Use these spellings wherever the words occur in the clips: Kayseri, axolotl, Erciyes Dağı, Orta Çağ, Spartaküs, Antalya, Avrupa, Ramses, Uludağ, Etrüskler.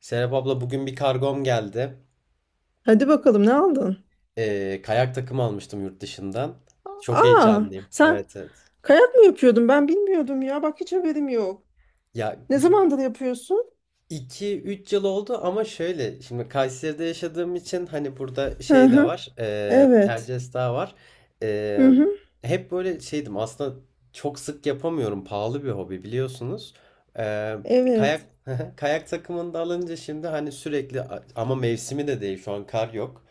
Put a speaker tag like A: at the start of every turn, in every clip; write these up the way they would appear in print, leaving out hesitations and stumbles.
A: Serap abla bugün bir kargom geldi.
B: Hadi bakalım, ne aldın?
A: Kayak takımı almıştım yurt dışından. Çok
B: Aa,
A: heyecanlıyım.
B: sen
A: Evet, evet.
B: kayak mı yapıyordun? Ben bilmiyordum ya. Bak, hiç haberim yok.
A: Ya
B: Ne zamandır yapıyorsun?
A: iki üç yıl oldu, ama şöyle, şimdi Kayseri'de yaşadığım için, hani burada
B: Hı
A: şey de
B: hı.
A: var.
B: Evet.
A: Erciyes Dağı var.
B: Hı
A: Ee,
B: hı.
A: hep böyle şeydim aslında, çok sık yapamıyorum. Pahalı bir hobi, biliyorsunuz. Ee, kayak
B: Evet.
A: kayak takımını da alınca şimdi hani sürekli, ama mevsimi de değil, şu an kar yok.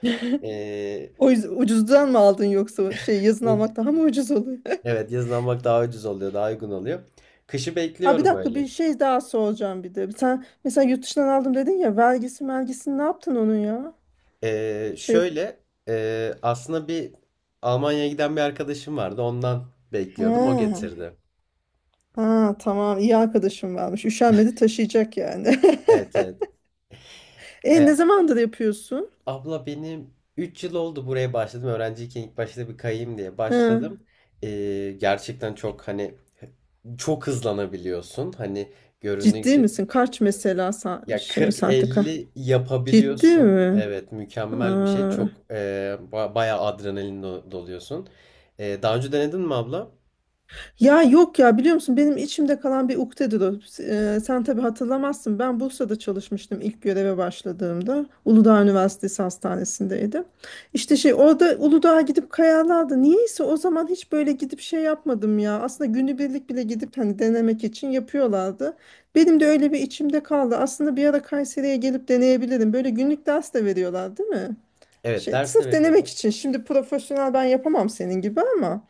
A: Ee,
B: O yüzden ucuzdan mı aldın, yoksa şey, yazın almak daha mı ucuz oluyor?
A: Evet, yazın almak daha ucuz oluyor, daha uygun oluyor. Kışı
B: Aa, bir
A: bekliyorum
B: dakika,
A: öyle.
B: bir şey daha soracağım bir de. Sen mesela yurt dışından aldım dedin ya, vergisi vergisini ne yaptın onun ya? Şey,
A: Şöyle, aslında bir Almanya'ya giden bir arkadaşım vardı. Ondan bekliyordum. O
B: ha,
A: getirdi.
B: ha tamam, iyi arkadaşım varmış. Üşenmedi taşıyacak yani.
A: Evet, evet.
B: E,
A: E,
B: ne zamandır yapıyorsun?
A: abla, benim 3 yıl oldu buraya başladım. Öğrenciyken ilk başta bir kayayım diye
B: Hı.
A: başladım. Gerçekten çok, hani, çok hızlanabiliyorsun. Hani göründüğü gibi
B: Ciddi
A: şey.
B: misin? Kaç mesela
A: Ya
B: şey, saatlik ha?
A: 40-50
B: Ciddi
A: yapabiliyorsun.
B: mi?
A: Evet, mükemmel bir şey.
B: Aa.
A: Çok, bayağı adrenalin doluyorsun. Daha önce denedin mi abla?
B: Ya yok ya, biliyor musun, benim içimde kalan bir ukdedir o. Sen tabii hatırlamazsın. Ben Bursa'da çalışmıştım ilk göreve başladığımda. Uludağ Üniversitesi Hastanesi'ndeydim. İşte şey, orada Uludağ'a gidip kayalardı. Niyeyse o zaman hiç böyle gidip şey yapmadım ya. Aslında günübirlik bile gidip hani denemek için yapıyorlardı. Benim de öyle bir içimde kaldı. Aslında bir ara Kayseri'ye gelip deneyebilirim. Böyle günlük ders de veriyorlar, değil mi?
A: Evet,
B: Şey,
A: ders de
B: sırf denemek
A: veriyorlar.
B: için. Şimdi profesyonel ben yapamam senin gibi ama.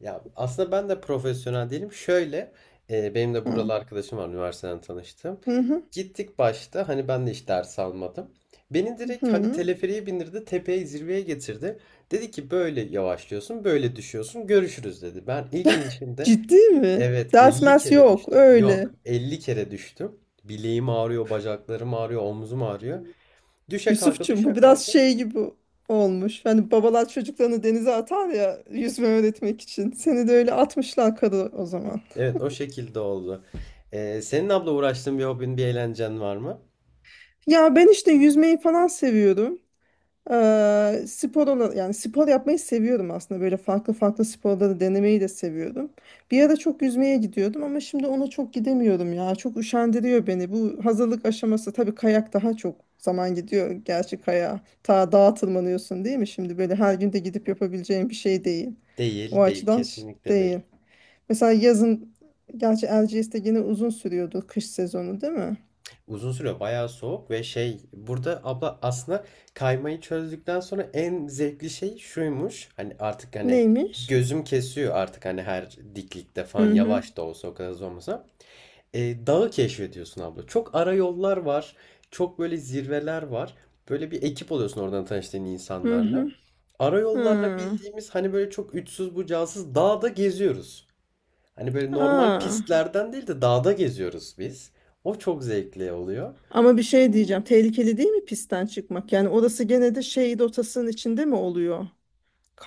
A: Ya aslında ben de profesyonel değilim. Şöyle, benim de
B: Hı.
A: buralı arkadaşım var, üniversiteden tanıştım.
B: Hı hı.
A: Gittik, başta hani ben de hiç ders almadım. Beni direkt hani
B: Hı.
A: teleferiğe bindirdi, tepeye, zirveye getirdi. Dedi ki böyle yavaşlıyorsun, böyle düşüyorsun, görüşürüz dedi. Ben ilk inişimde,
B: Ciddi mi?
A: evet,
B: Ders
A: 50
B: mers
A: kere
B: yok
A: düştüm. Yok,
B: öyle.
A: 50 kere düştüm. Bileğim ağrıyor, bacaklarım ağrıyor, omzum ağrıyor. Düşe kalka,
B: Yusufçum, bu
A: düşe
B: biraz
A: kalka.
B: şey gibi olmuş. Hani babalar çocuklarını denize atar ya yüzme öğretmek için. Seni de öyle atmışlar karı o zaman.
A: Evet, o şekilde oldu. Senin abla uğraştığın bir hobin, bir eğlencen var mı?
B: Ya ben işte yüzmeyi falan seviyorum. Spor olan, yani spor yapmayı seviyorum aslında, böyle farklı farklı sporları denemeyi de seviyorum. Bir ara çok yüzmeye gidiyordum ama şimdi ona çok gidemiyorum ya. Çok üşendiriyor beni. Bu hazırlık aşaması tabii, kayak daha çok zaman gidiyor. Gerçi kayağa ta dağa tırmanıyorsun değil mi? Şimdi böyle her gün de gidip yapabileceğin bir şey değil. O
A: Değil, değil.
B: açıdan
A: Kesinlikle
B: değil.
A: değil.
B: Mesela yazın, gerçi Erciyes'te yine uzun sürüyordu kış sezonu değil mi?
A: Uzun süre bayağı soğuk ve şey burada abla, aslında kaymayı çözdükten sonra en zevkli şey şuymuş. Hani artık, hani
B: Neymiş?
A: gözüm kesiyor artık, hani her diklikte falan,
B: Hı hı.
A: yavaş da olsa, o kadar hızlı olmasa. Dağı keşfediyorsun abla. Çok ara yollar var. Çok böyle zirveler var. Böyle bir ekip oluyorsun oradan tanıştığın
B: Hı
A: insanlarla.
B: hı.
A: Ara yollarla,
B: Hı.
A: bildiğimiz hani, böyle çok uçsuz bucağısız dağda geziyoruz. Hani böyle normal
B: Aa.
A: pistlerden değil de dağda geziyoruz biz. O çok zevkli oluyor.
B: Ama bir şey diyeceğim. Tehlikeli değil mi pistten çıkmak? Yani orası gene de şehit otasının içinde mi oluyor?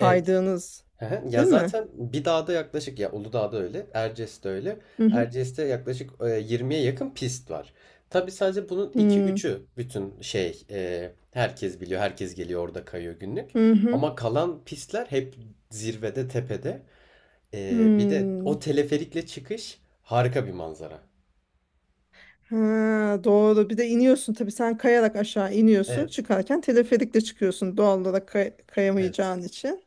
A: Evet, ya
B: değil mi?
A: zaten bir dağda yaklaşık, ya Uludağ'da öyle, Erciyes'te öyle.
B: Hı hı.
A: Erciyes'te yaklaşık, 20'ye yakın pist var. Tabii sadece bunun iki
B: Hı
A: üçü, bütün şey, herkes biliyor, herkes geliyor, orada kayıyor günlük.
B: hı. Hı.
A: Ama kalan pistler hep zirvede, tepede. Bir de
B: Hı.
A: o teleferikle çıkış, harika bir manzara.
B: Ha, doğru. Bir de iniyorsun tabii, sen kayarak aşağı iniyorsun.
A: Evet,
B: Çıkarken teleferikle çıkıyorsun doğal olarak,
A: evet.
B: kayamayacağın için.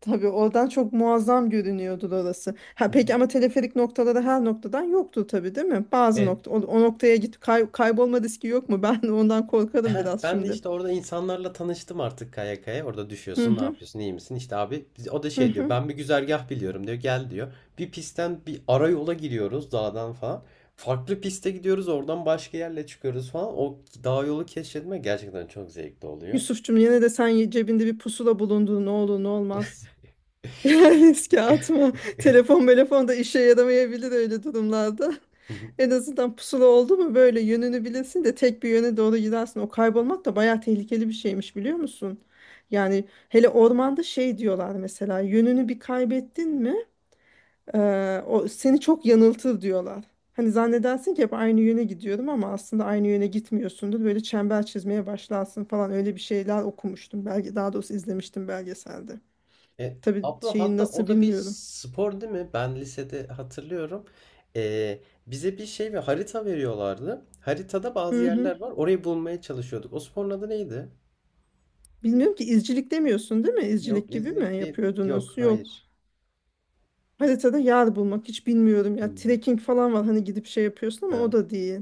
B: Tabii oradan çok muazzam görünüyordu orası. Ha peki, ama teleferik noktaları her noktadan yoktu tabii değil mi? Bazı
A: Evet.
B: nokta, o, o noktaya git, kaybolma riski yok mu? Ben ondan korkarım biraz
A: Ben de
B: şimdi.
A: işte orada insanlarla tanıştım artık, kaya kaya. Orada
B: Hı
A: düşüyorsun, ne
B: hı,
A: yapıyorsun, iyi misin? İşte abi, o da
B: hı
A: şey diyor.
B: hı.
A: Ben bir güzergah biliyorum diyor. Gel diyor. Bir pistten bir ara yola giriyoruz dağdan falan. Farklı piste gidiyoruz. Oradan başka yerle çıkıyoruz falan. O dağ yolu keşfetme gerçekten çok zevkli oluyor.
B: Yusuf'cum, yine de sen cebinde bir pusula bulundu ne olur ne olmaz. Yani riske atma. Telefon da işe yaramayabilir öyle durumlarda.
A: Hı hı.
B: En azından pusula oldu mu böyle yönünü bilirsin de tek bir yöne doğru gidersin. O kaybolmak da bayağı tehlikeli bir şeymiş, biliyor musun? Yani hele ormanda şey diyorlar, mesela yönünü bir kaybettin mi? O seni çok yanıltır diyorlar. Hani zannedersin ki hep aynı yöne gidiyorum ama aslında aynı yöne gitmiyorsundur. Böyle çember çizmeye başlarsın falan, öyle bir şeyler okumuştum. Belge, daha doğrusu izlemiştim belgeselde.
A: E,
B: Tabii
A: abla,
B: şeyin
A: hatta o
B: nasıl
A: da bir
B: bilmiyorum.
A: spor değil mi? Ben lisede hatırlıyorum. E, bize bir şey ve harita veriyorlardı. Haritada bazı
B: Hı hı.
A: yerler var. Orayı bulmaya çalışıyorduk. O sporun adı neydi?
B: Bilmiyorum ki, izcilik demiyorsun değil mi?
A: Yok,
B: İzcilik gibi mi
A: izcilik değil. Yok,
B: yapıyordunuz? Yok.
A: hayır.
B: Haritada yer bulmak, hiç bilmiyorum
A: Hı
B: ya.
A: hı.
B: Trekking falan var hani, gidip şey yapıyorsun ama
A: Ha.
B: o da değil.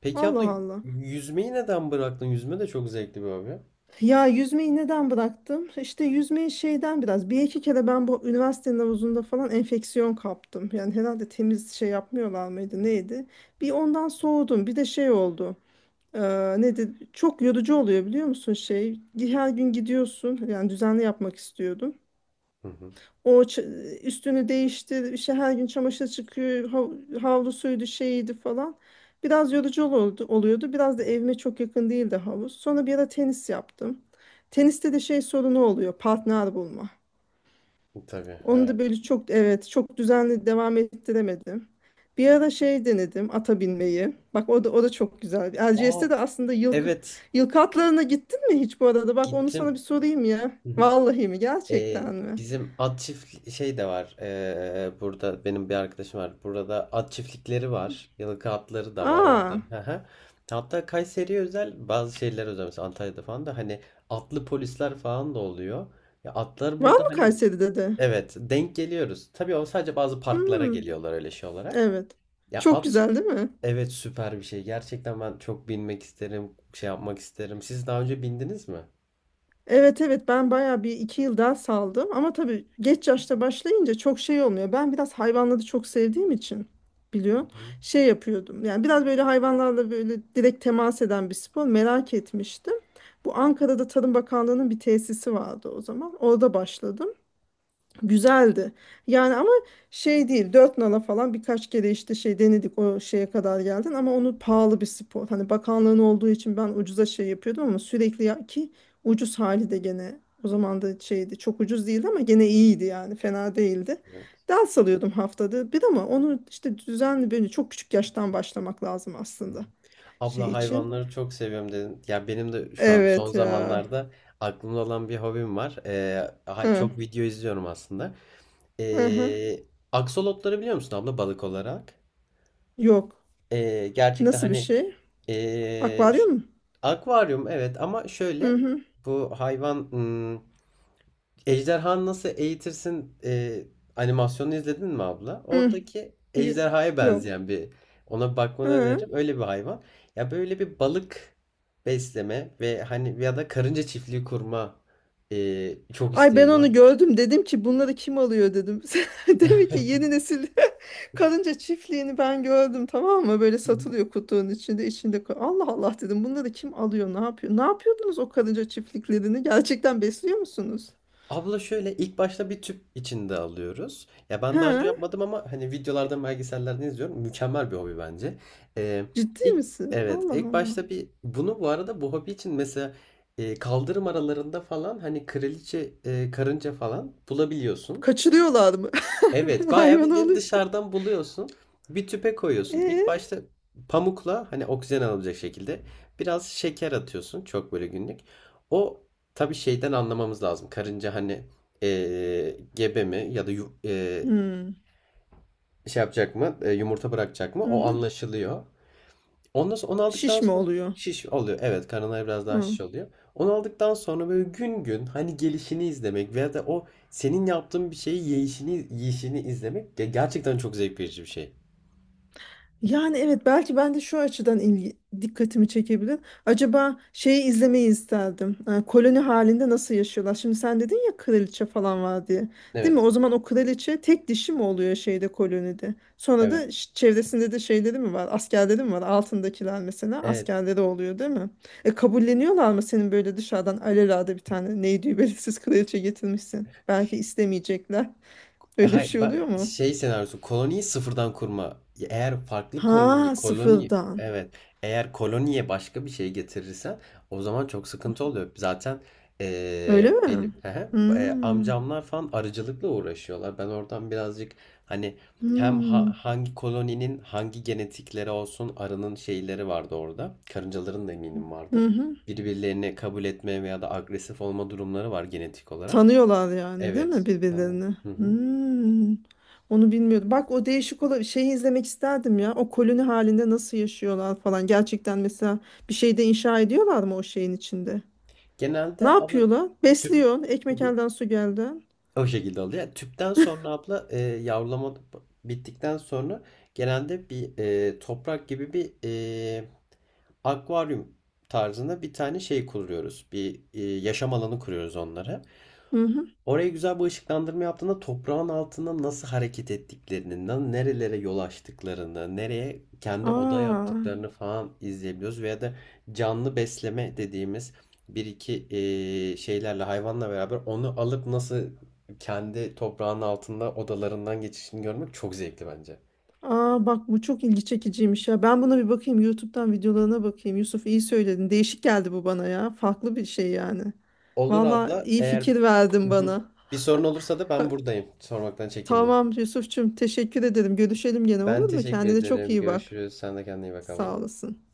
A: Peki abla,
B: Allah Allah.
A: yüzmeyi neden bıraktın? Yüzme de çok zevkli bir hobi.
B: Ya yüzmeyi neden bıraktım? İşte yüzmeyi şeyden biraz, bir iki kere ben bu üniversitenin havuzunda falan enfeksiyon kaptım. Yani herhalde temiz şey yapmıyorlar mıydı neydi? Bir ondan soğudum. Bir de şey oldu. Ee, Nedir? Çok yorucu oluyor biliyor musun şey? Her gün gidiyorsun. Yani düzenli yapmak istiyordum.
A: Hı hı.
B: O üstünü değişti, işte her gün çamaşır çıkıyor, havlusuydu, şeyiydi falan. Biraz yorucu olurdu, oluyordu. Biraz da evime çok yakın değildi havuz. Sonra bir ara tenis yaptım. Teniste de şey sorunu oluyor, partner bulma.
A: Tabii,
B: Onu da
A: evet.
B: böyle çok, evet, çok düzenli devam ettiremedim. Bir ara şey, denedim ata binmeyi. Bak o da, o da çok güzel.
A: Aa,
B: Erciyes'te de aslında yılkı,
A: evet,
B: yılkı atlarına gittin mi hiç bu arada? Bak onu sana
A: gittim.
B: bir sorayım ya.
A: Hı hı.
B: Vallahi mi,
A: Ee,
B: gerçekten mi?
A: bizim at çift şey de var. Burada benim bir arkadaşım var. Burada at çiftlikleri var. Yıllık atları da var orada.
B: Aa.
A: Hı hı. Hatta Kayseri'ye özel bazı şeyler özel. Mesela Antalya'da falan da hani atlı polisler falan da oluyor. Ya atlar
B: Var
A: burada
B: mı
A: hani,
B: Kayseri'de de?
A: evet, denk geliyoruz. Tabii o sadece bazı parklara
B: Hmm,
A: geliyorlar, öyle şey olarak.
B: evet.
A: Ya
B: Çok
A: at,
B: güzel değil mi?
A: evet, süper bir şey. Gerçekten ben çok binmek isterim, şey yapmak isterim. Siz daha önce bindiniz mi?
B: Evet evet, ben bayağı bir iki yıl daha saldım. Ama tabii geç yaşta başlayınca çok şey olmuyor. Ben biraz hayvanları çok sevdiğim için biliyorsun
A: Hı,
B: şey yapıyordum. Yani biraz böyle hayvanlarla böyle direkt temas eden bir spor merak etmiştim. Bu Ankara'da Tarım Bakanlığı'nın bir tesisi vardı o zaman. Orada başladım. Güzeldi. Yani ama şey değil, dört nala falan birkaç kere işte şey denedik, o şeye kadar geldin ama onu, pahalı bir spor. Hani bakanlığın olduğu için ben ucuza şey yapıyordum ama sürekli ya ki, ucuz hali de gene o zaman da şeydi, çok ucuz değildi ama gene iyiydi yani, fena değildi.
A: evet.
B: Ders alıyordum haftada bir, ama onu işte düzenli böyle çok küçük yaştan başlamak lazım aslında
A: Abla,
B: şey için.
A: hayvanları çok seviyorum dedin. Ya benim de şu an son
B: Evet ya.
A: zamanlarda aklımda olan bir hobim var.
B: Hı,
A: Çok video izliyorum aslında.
B: hı hı.
A: Ee, aksolotları biliyor musun abla, balık olarak?
B: Yok.
A: Gerçekten,
B: Nasıl bir
A: hani,
B: şey?
A: ee,
B: Akvaryum mu?
A: akvaryum, evet, ama
B: Hı
A: şöyle
B: hı.
A: bu hayvan, ejderhanı nasıl eğitirsin, animasyonu izledin mi abla?
B: Hı.
A: Oradaki
B: y-
A: ejderhaya
B: Yok.
A: benzeyen bir, ona bir bakmanı
B: Hı.
A: öneririm. Öyle bir hayvan. Ya böyle bir balık besleme ve hani, ya da karınca çiftliği kurma, çok
B: Ay, ben
A: isteğim
B: onu
A: var.
B: gördüm. Dedim ki bunları kim alıyor, dedim. Demek ki yeni nesil. Karınca çiftliğini ben gördüm, tamam mı? Böyle satılıyor kutunun içinde. Allah Allah dedim, bunları kim alıyor, ne yapıyor? Ne yapıyordunuz o karınca çiftliklerini? Gerçekten besliyor musunuz?
A: Abla, şöyle, ilk başta bir tüp içinde alıyoruz. Ya ben daha
B: Ha?
A: önce yapmadım, ama hani videolardan, belgesellerden izliyorum. Mükemmel bir hobi bence. Ee,
B: Ciddi
A: ilk,
B: misin?
A: evet,
B: Allah
A: ilk
B: Allah.
A: başta bir bunu, bu arada, bu hobi için mesela, kaldırım aralarında falan hani kraliçe, karınca falan bulabiliyorsun.
B: Kaçırıyorlar mı?
A: Evet, bayağı
B: Hayvan
A: bildiğin
B: alıyor.
A: dışarıdan buluyorsun. Bir tüpe koyuyorsun.
B: E?
A: İlk başta pamukla, hani oksijen alabilecek şekilde, biraz şeker atıyorsun. Çok böyle günlük. O tabii şeyden anlamamız lazım. Karınca hani, gebe mi, ya da
B: Hmm.
A: şey yapacak mı, yumurta bırakacak mı? O
B: Mhm.
A: anlaşılıyor. Ondan sonra, onu aldıktan
B: Şiş mi
A: sonra
B: oluyor?
A: şiş oluyor. Evet, karınları biraz daha
B: Hı.
A: şiş oluyor. Onu aldıktan sonra böyle gün gün hani gelişini izlemek, veya da o senin yaptığın bir şeyi yiyişini izlemek gerçekten çok zevk verici bir şey.
B: Yani evet, belki ben de şu açıdan ilgi, dikkatimi çekebilir. Acaba şeyi izlemeyi isterdim. Koloni halinde nasıl yaşıyorlar? Şimdi sen dedin ya kraliçe falan var diye. Değil mi?
A: Evet.
B: O zaman o kraliçe tek dişi mi oluyor şeyde, kolonide? Sonra da
A: Evet.
B: çevresinde de şeyleri mi var? Askerleri mi var? Altındakiler mesela
A: Evet.
B: askerleri oluyor değil mi? E kabulleniyorlar mı, senin böyle dışarıdan alelade bir tane neydi belirsiz kraliçe getirmişsin? Belki istemeyecekler. Öyle bir
A: Hayır,
B: şey
A: ben
B: oluyor mu?
A: şey senaryosu, koloniyi sıfırdan kurma. Eğer farklı
B: Ha,
A: koloni,
B: sıfırdan.
A: evet, eğer koloniye başka bir şey getirirsen o zaman çok sıkıntı oluyor. Zaten,
B: Öyle
A: benim
B: mi? Hmm.
A: amcamlar falan arıcılıkla uğraşıyorlar. Ben oradan birazcık, hani, hem
B: Hmm.
A: hangi koloninin hangi genetikleri olsun, arının şeyleri vardı orada. Karıncaların da eminim
B: Hı
A: vardır.
B: hı.
A: Birbirlerini kabul etme veya da agresif olma durumları var, genetik olarak.
B: Tanıyorlar yani değil
A: Evet.
B: mi birbirlerini?
A: Anlıyorum.
B: Hmm. Onu bilmiyordum. Bak o değişik olan şeyi izlemek isterdim ya. O koloni halinde nasıl yaşıyorlar falan. Gerçekten mesela bir şeyde inşa ediyorlar mı o şeyin içinde? Ne
A: Genelde abla,
B: yapıyorlar?
A: tüp,
B: Besliyor.
A: hı
B: Ekmek
A: hı,
B: elden su geldi.
A: o şekilde oluyor. Yani tüpten sonra abla, yavrulama bittikten sonra, genelde bir, toprak gibi bir, e, akvaryum tarzında bir tane şey kuruyoruz. Bir, yaşam alanı kuruyoruz onlara.
B: Hı hı.
A: Oraya güzel bir ışıklandırma yaptığında toprağın altında nasıl hareket ettiklerini, nerelere yol açtıklarını, nereye kendi oda
B: Aa.
A: yaptıklarını falan izleyebiliyoruz. Veya da canlı besleme dediğimiz bir iki şeylerle, hayvanla beraber onu alıp nasıl kendi toprağın altında odalarından geçişini görmek çok zevkli bence.
B: Aa bak, bu çok ilgi çekiciymiş ya. Ben buna bir bakayım. YouTube'dan videolarına bakayım. Yusuf, iyi söyledin. Değişik geldi bu bana ya. Farklı bir şey yani.
A: Olur
B: Valla
A: abla,
B: iyi
A: eğer,
B: fikir
A: hı
B: verdin
A: hı,
B: bana.
A: bir sorun olursa da ben buradayım. Sormaktan çekinme.
B: Tamam Yusuf'cum, teşekkür ederim. Görüşelim gene,
A: Ben
B: olur mu?
A: teşekkür
B: Kendine çok
A: ederim.
B: iyi bak.
A: Görüşürüz. Sen de kendine iyi bak abla.
B: Sağ olasın.